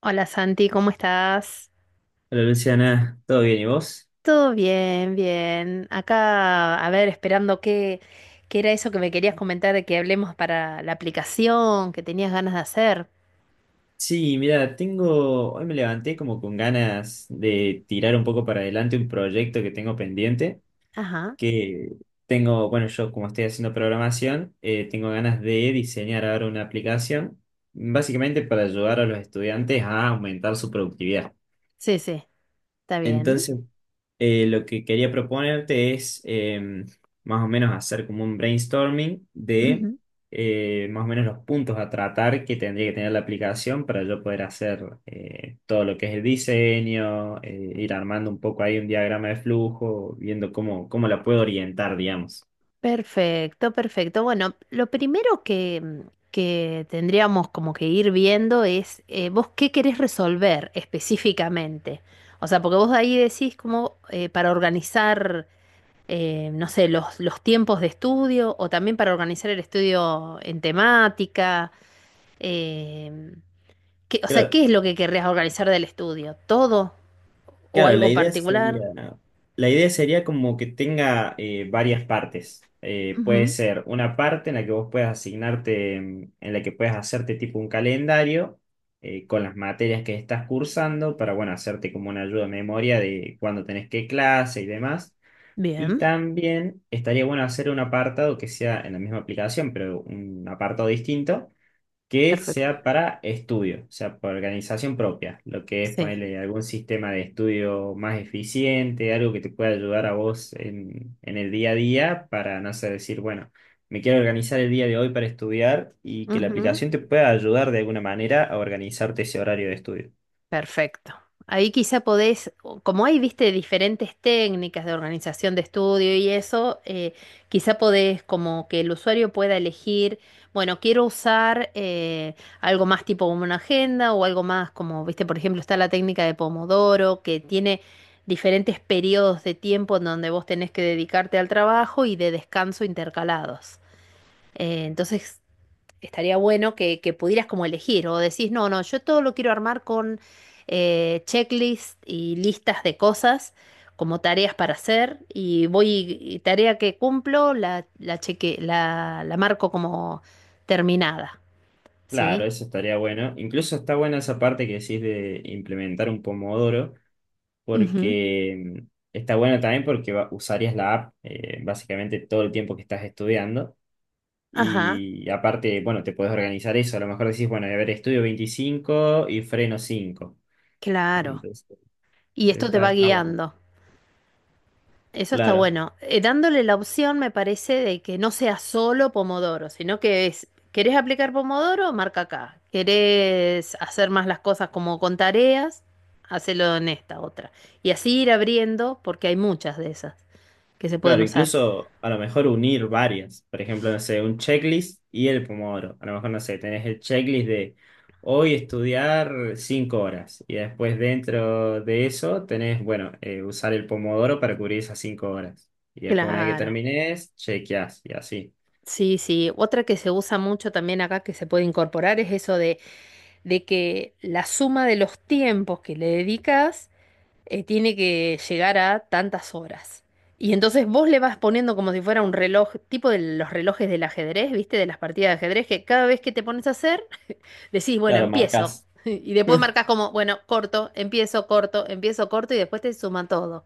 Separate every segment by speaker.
Speaker 1: Hola Santi, ¿cómo estás?
Speaker 2: Hola Luciana, ¿todo bien y vos?
Speaker 1: Todo bien, bien. Acá, a ver, esperando qué, qué era eso que me querías comentar de que hablemos para la aplicación que tenías ganas de hacer.
Speaker 2: Sí, mira, tengo, hoy me levanté como con ganas de tirar un poco para adelante un proyecto que tengo pendiente,
Speaker 1: Ajá,
Speaker 2: que tengo, bueno, yo como estoy haciendo programación, tengo ganas de diseñar ahora una aplicación, básicamente para ayudar a los estudiantes a aumentar su productividad.
Speaker 1: sí, sí, está bien.
Speaker 2: Entonces, lo que quería proponerte es más o menos hacer como un brainstorming de
Speaker 1: Ujú.
Speaker 2: más o menos los puntos a tratar que tendría que tener la aplicación para yo poder hacer todo lo que es el diseño, ir armando un poco ahí un diagrama de flujo, viendo cómo la puedo orientar, digamos.
Speaker 1: Perfecto, perfecto. Bueno, lo primero que, que tendríamos como que ir viendo es vos qué querés resolver específicamente. O sea, porque vos ahí decís como para organizar. No sé, los tiempos de estudio o también para organizar el estudio en temática. eh, o sea,
Speaker 2: Creo,
Speaker 1: ¿qué es lo que querrías organizar del estudio? ¿Todo o
Speaker 2: claro,
Speaker 1: algo particular?
Speaker 2: la idea sería como que tenga varias partes. Puede
Speaker 1: Ujú.
Speaker 2: ser una parte en la que vos puedas asignarte, mm, en la que puedas hacerte tipo un calendario con las materias que estás cursando para, bueno, hacerte como una ayuda de memoria de cuándo tenés qué clase y demás. Y
Speaker 1: Bien.
Speaker 2: también estaría bueno hacer un apartado que sea en la misma aplicación, pero un apartado distinto que
Speaker 1: Perfecto.
Speaker 2: sea para estudio, o sea, para organización propia, lo que es
Speaker 1: Sí.
Speaker 2: ponerle algún sistema de estudio más eficiente, algo que te pueda ayudar a vos en el día a día para, no sé, decir, bueno, me quiero organizar el día de hoy para estudiar y que la
Speaker 1: Ujú.
Speaker 2: aplicación te pueda ayudar de alguna manera a organizarte ese horario de estudio.
Speaker 1: Perfecto. Ahí quizá podés, como hay, viste, diferentes técnicas de organización de estudio y eso, quizá podés como que el usuario pueda elegir, bueno, quiero usar algo más tipo como una agenda o algo más como, viste, por ejemplo, está la técnica de Pomodoro, que tiene diferentes periodos de tiempo en donde vos tenés que dedicarte al trabajo y de descanso intercalados. Entonces, estaría bueno que pudieras como elegir o decís, no, no, yo todo lo quiero armar con checklist y listas de cosas como tareas para hacer y voy, y tarea que cumplo, la cheque, la marco como terminada,
Speaker 2: Claro,
Speaker 1: ¿sí?
Speaker 2: eso estaría bueno. Incluso está buena esa parte que decís de implementar un pomodoro,
Speaker 1: Ujú.
Speaker 2: porque mm, está bueno también porque usarías la app básicamente todo el tiempo que estás estudiando.
Speaker 1: Ajá,
Speaker 2: Y aparte, bueno, te puedes organizar eso. A lo mejor decís, bueno, a ver, estudio 25 y freno cinco.
Speaker 1: claro.
Speaker 2: Entonces,
Speaker 1: Y esto te va
Speaker 2: está bueno.
Speaker 1: guiando. Eso está
Speaker 2: Claro,
Speaker 1: bueno. Dándole la opción, me parece, de que no sea solo Pomodoro, sino que es, ¿querés aplicar Pomodoro? Marca acá. ¿Querés hacer más las cosas como con tareas? Hacelo en esta otra. Y así ir abriendo, porque hay muchas de esas que se pueden
Speaker 2: claro,
Speaker 1: usar.
Speaker 2: incluso a lo mejor unir varias. Por ejemplo, no sé, un checklist y el pomodoro. A lo mejor, no sé, tenés el checklist de hoy estudiar 5 horas. Y después dentro de eso tenés, bueno, usar el pomodoro para cubrir esas 5 horas. Y después una vez que
Speaker 1: Claro.
Speaker 2: termines, chequeás y así.
Speaker 1: Sí, sí. Otra que se usa mucho también acá que se puede incorporar es eso de que la suma de los tiempos que le dedicas tiene que llegar a tantas horas. Y entonces vos le vas poniendo como si fuera un reloj, tipo de los relojes del ajedrez, ¿viste? De las partidas de ajedrez, que cada vez que te pones a hacer, decís, bueno,
Speaker 2: Claro,
Speaker 1: empiezo.
Speaker 2: marcás.
Speaker 1: Y después marcas como, bueno, corto, empiezo, corto, empiezo, corto, y después te suman todo.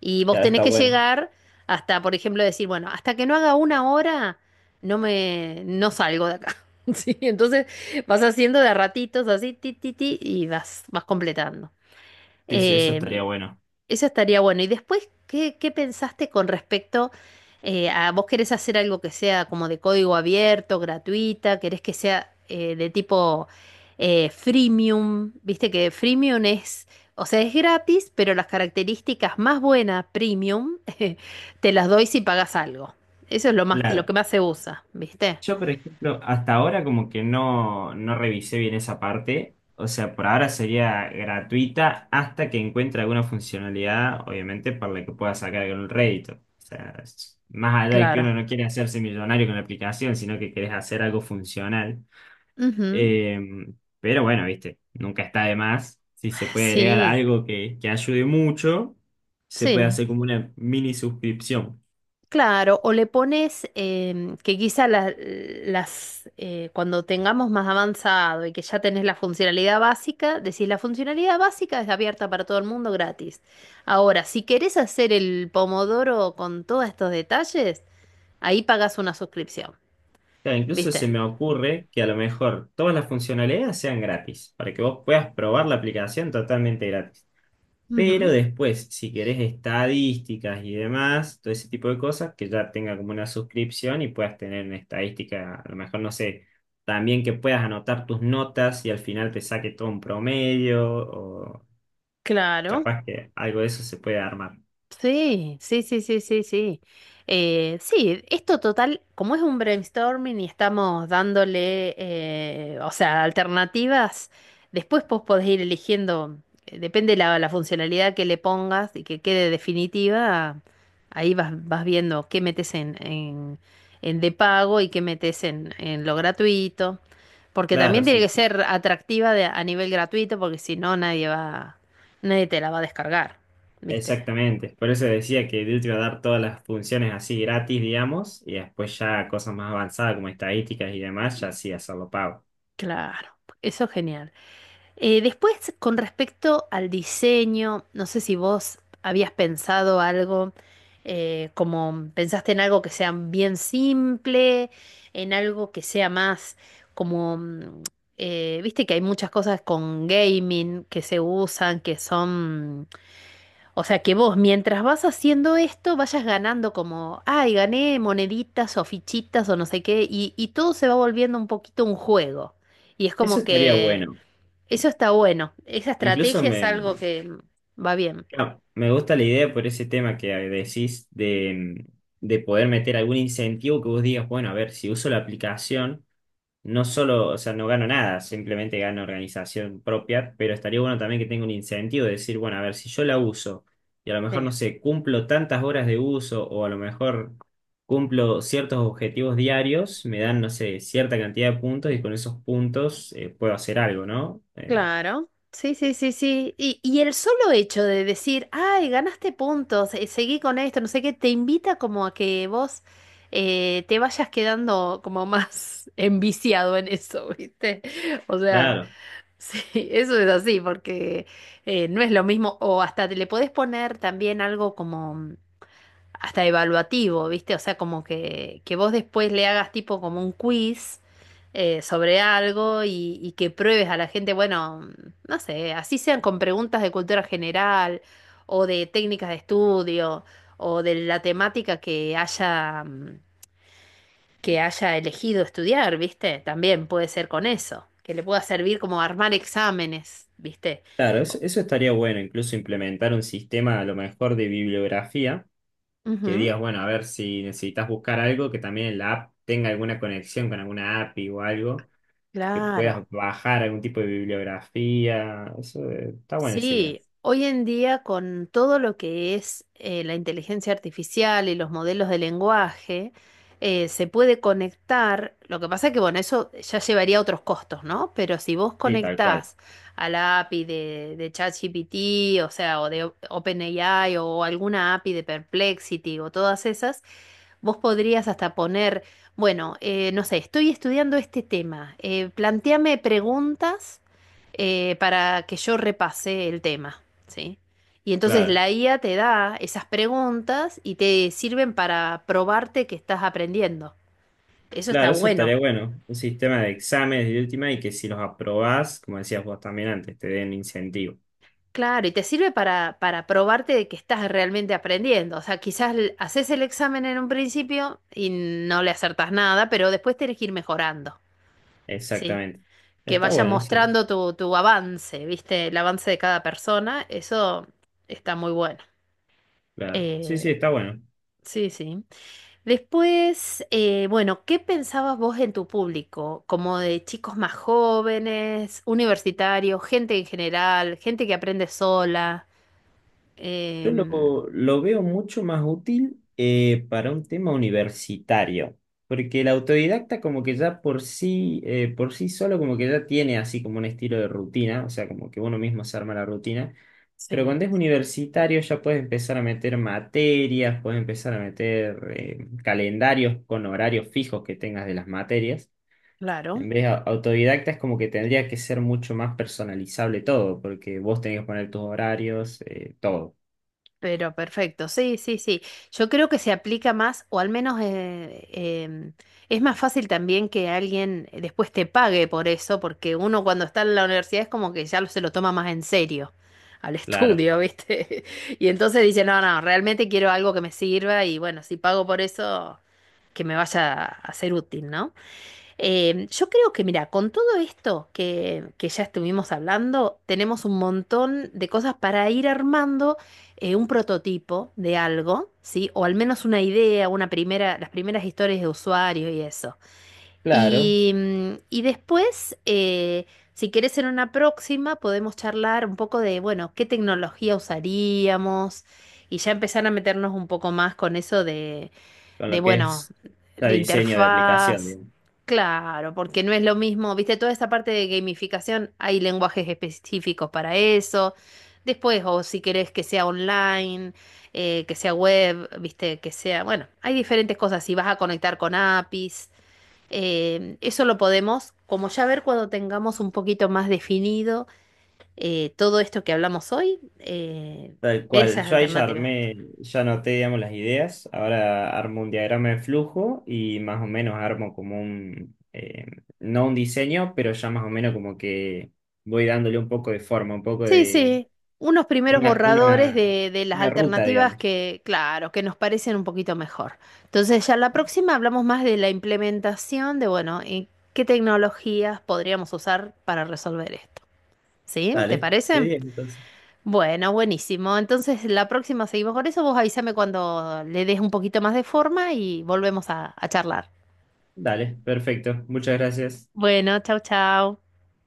Speaker 1: Y vos
Speaker 2: Ya
Speaker 1: tenés
Speaker 2: está
Speaker 1: que
Speaker 2: bueno.
Speaker 1: llegar hasta, por ejemplo, decir, bueno, hasta que no haga una hora, no salgo de acá. Sí, entonces vas haciendo de a ratitos así, ti, ti, ti, y vas, vas completando.
Speaker 2: Sí, sí, eso estaría
Speaker 1: Em,
Speaker 2: bueno.
Speaker 1: Eso estaría bueno. Y después, ¿qué, qué pensaste con respecto a vos querés hacer algo que sea como de código abierto, gratuita? ¿Querés que sea de tipo freemium? Viste que freemium es, o sea, es gratis, pero las características más buenas, premium, te las doy si pagas algo. Eso es lo más, lo
Speaker 2: Claro.
Speaker 1: que más se usa, ¿viste?
Speaker 2: Yo, por ejemplo, hasta ahora como que no, no revisé bien esa parte. O sea, por ahora sería gratuita hasta que encuentre alguna funcionalidad, obviamente, para la que pueda sacar algún rédito. O sea, más allá de que uno
Speaker 1: Claro.
Speaker 2: no quiere hacerse millonario con la aplicación, sino que querés hacer algo funcional.
Speaker 1: Ujú.
Speaker 2: Eh, pero bueno, viste, nunca está de más. Si se puede agregar
Speaker 1: Sí,
Speaker 2: algo que ayude mucho, se puede
Speaker 1: sí.
Speaker 2: hacer como una mini suscripción.
Speaker 1: Claro, o le pones que quizá cuando tengamos más avanzado y que ya tenés la funcionalidad básica, decís la funcionalidad básica es abierta para todo el mundo gratis. Ahora, si querés hacer el pomodoro con todos estos detalles, ahí pagás una suscripción,
Speaker 2: Claro, incluso
Speaker 1: ¿viste?
Speaker 2: se me ocurre que a lo mejor todas las funcionalidades sean gratis, para que vos puedas probar la aplicación totalmente gratis. Pero
Speaker 1: Ujú.
Speaker 2: después, si querés estadísticas y demás, todo ese tipo de cosas, que ya tenga como una suscripción y puedas tener una estadística, a lo mejor, no sé, también que puedas anotar tus notas y al final te saque todo un promedio, o
Speaker 1: Claro.
Speaker 2: capaz que algo de eso se puede armar.
Speaker 1: Sí, sí, sí, sí, sí, sí. Sí, esto total, como es un brainstorming y estamos dándole, o sea, alternativas, después vos podés ir eligiendo, depende la funcionalidad que le pongas y que quede definitiva, ahí vas, vas viendo qué metes en de pago y qué metes en lo gratuito, porque también
Speaker 2: Claro,
Speaker 1: tiene
Speaker 2: sí,
Speaker 1: que
Speaker 2: sí.
Speaker 1: ser atractiva a nivel gratuito, porque si no, nadie va, nadie te la va a descargar, ¿viste?
Speaker 2: Exactamente, por eso decía que Duty va a dar todas las funciones así gratis, digamos, y después ya cosas más avanzadas como estadísticas y demás, ya sí hacerlo pago.
Speaker 1: Claro, eso es genial. Después, con respecto al diseño, no sé si vos habías pensado algo, como pensaste en algo que sea bien simple, en algo que sea más como, viste que hay muchas cosas con gaming que se usan, que son o sea que vos, mientras vas haciendo esto, vayas ganando como, ay, gané moneditas o fichitas o no sé qué, y todo se va volviendo un poquito un juego. Y es
Speaker 2: Eso
Speaker 1: como
Speaker 2: estaría
Speaker 1: que
Speaker 2: bueno.
Speaker 1: eso está bueno. Esa
Speaker 2: Incluso
Speaker 1: estrategia es
Speaker 2: me,
Speaker 1: algo que va bien.
Speaker 2: claro, me gusta la idea por ese tema que decís de poder meter algún incentivo que vos digas, bueno, a ver, si uso la aplicación, no solo, o sea, no gano nada, simplemente gano organización propia, pero estaría bueno también que tenga un incentivo de decir, bueno, a ver, si yo la uso y a lo mejor,
Speaker 1: Sí.
Speaker 2: no sé, cumplo tantas horas de uso o a lo mejor cumplo ciertos objetivos diarios, me dan, no sé, cierta cantidad de puntos y con esos puntos puedo hacer algo, ¿no?
Speaker 1: Claro. Sí, sí, sí, sí. Y el solo hecho de decir, ay, ganaste puntos, seguí con esto, no sé qué, te invita como a que vos te vayas quedando como más enviciado en eso, ¿viste? O sea.
Speaker 2: Claro.
Speaker 1: Sí, eso es así, porque no es lo mismo, o hasta te le podés poner también algo como hasta evaluativo, ¿viste? O sea, como que vos después le hagas tipo como un quiz sobre algo y que pruebes a la gente, bueno, no sé, así sean con preguntas de cultura general o de técnicas de estudio o de la temática que haya, que haya elegido estudiar, ¿viste? También puede ser con eso, que le pueda servir como armar exámenes, ¿viste?
Speaker 2: Claro,
Speaker 1: O-
Speaker 2: eso estaría bueno, incluso implementar un sistema a lo mejor de bibliografía, que
Speaker 1: Ujú,
Speaker 2: digas, bueno, a ver si necesitas buscar algo que también en la app tenga alguna conexión con alguna API o algo, que puedas
Speaker 1: claro.
Speaker 2: bajar algún tipo de bibliografía. Eso está buena esa idea.
Speaker 1: Sí, hoy en día con todo lo que es la inteligencia artificial y los modelos de lenguaje, se puede conectar, lo que pasa es que bueno, eso ya llevaría a otros costos, ¿no? Pero si vos
Speaker 2: Sí, tal cual.
Speaker 1: conectás a la API de ChatGPT, o sea, o de OpenAI o alguna API de Perplexity o todas esas, vos podrías hasta poner, bueno, no sé, estoy estudiando este tema, plantéame preguntas para que yo repase el tema, ¿sí? Y entonces
Speaker 2: Claro,
Speaker 1: la IA te da esas preguntas y te sirven para probarte que estás aprendiendo. Eso está
Speaker 2: claro, eso
Speaker 1: bueno.
Speaker 2: estaría bueno. Un sistema de exámenes de última y que si los aprobás, como decías vos también antes, te den incentivo.
Speaker 1: Claro, y te sirve para probarte de que estás realmente aprendiendo. O sea, quizás haces el examen en un principio y no le acertas nada, pero después tenés que ir mejorando, ¿sí?
Speaker 2: Exactamente.
Speaker 1: Que
Speaker 2: Está
Speaker 1: vaya
Speaker 2: bueno, sí.
Speaker 1: mostrando tu, tu avance, ¿viste? El avance de cada persona, eso está muy bueno.
Speaker 2: Claro. Sí,
Speaker 1: Eh,
Speaker 2: sí, está bueno.
Speaker 1: sí, sí. Después, bueno, ¿qué pensabas vos en tu público? Como de chicos más jóvenes, universitarios, gente en general, gente que aprende sola. em,
Speaker 2: Lo veo mucho más útil para un tema universitario, porque el autodidacta como que ya por sí solo como que ya tiene así como un estilo de rutina, o sea, como que uno mismo se arma la rutina, pero
Speaker 1: sí,
Speaker 2: cuando es universitario ya puedes empezar a meter materias, puedes empezar a meter calendarios con horarios fijos que tengas de las materias.
Speaker 1: claro.
Speaker 2: En vez de autodidacta es como que tendría que ser mucho más personalizable todo, porque vos tenés que poner tus horarios, todo.
Speaker 1: Pero perfecto, sí, sí, sí. Yo creo que se aplica más, o al menos em, es más fácil también que alguien después te pague por eso, porque uno cuando está en la universidad es como que ya se lo toma más en serio al
Speaker 2: Claro,
Speaker 1: estudio, ¿viste? Y entonces dice, no, no, realmente quiero algo que me sirva y bueno, si pago por eso, que me vaya a ser útil, ¿no? Yo creo que, mira, con todo esto que ya estuvimos hablando, tenemos un montón de cosas para ir armando un prototipo de algo, ¿sí? O al menos una idea, una primera, las primeras historias de usuario y eso.
Speaker 2: Claro,
Speaker 1: Y, y después, si querés en una próxima, podemos charlar un poco de, bueno, qué tecnología usaríamos y ya empezar a meternos un poco más con eso
Speaker 2: con
Speaker 1: de
Speaker 2: lo que
Speaker 1: bueno,
Speaker 2: es ya
Speaker 1: de
Speaker 2: diseño de aplicación,
Speaker 1: interfaz.
Speaker 2: digamos.
Speaker 1: Claro, porque no es lo mismo, viste, toda esta parte de gamificación, hay lenguajes específicos para eso. Después, o si querés que sea online, que sea web, viste, que sea, bueno, hay diferentes cosas. Si vas a conectar con APIs, eso lo podemos, como ya ver cuando tengamos un poquito más definido todo esto que hablamos hoy,
Speaker 2: Tal
Speaker 1: ver
Speaker 2: cual.
Speaker 1: esas
Speaker 2: Yo ahí ya
Speaker 1: alternativas.
Speaker 2: armé, ya anoté, digamos, las ideas. Ahora armo un diagrama de flujo y más o menos armo como un, no un diseño, pero ya más o menos como que voy dándole un poco de forma, un poco
Speaker 1: Sí,
Speaker 2: de
Speaker 1: sí, unos primeros
Speaker 2: una,
Speaker 1: borradores
Speaker 2: una,
Speaker 1: de las
Speaker 2: una ruta,
Speaker 1: alternativas
Speaker 2: digamos.
Speaker 1: que, claro, que nos parecen un poquito mejor. Entonces, ya la próxima hablamos más de la implementación de, bueno, y qué tecnologías podríamos usar para resolver esto. ¿Sí? ¿Te
Speaker 2: Dale, de
Speaker 1: parece?
Speaker 2: 10 entonces.
Speaker 1: Bueno, buenísimo. Entonces, la próxima seguimos con eso. Vos avísame cuando le des un poquito más de forma y volvemos a charlar.
Speaker 2: Dale, perfecto. Muchas gracias.
Speaker 1: Bueno, chau, chau.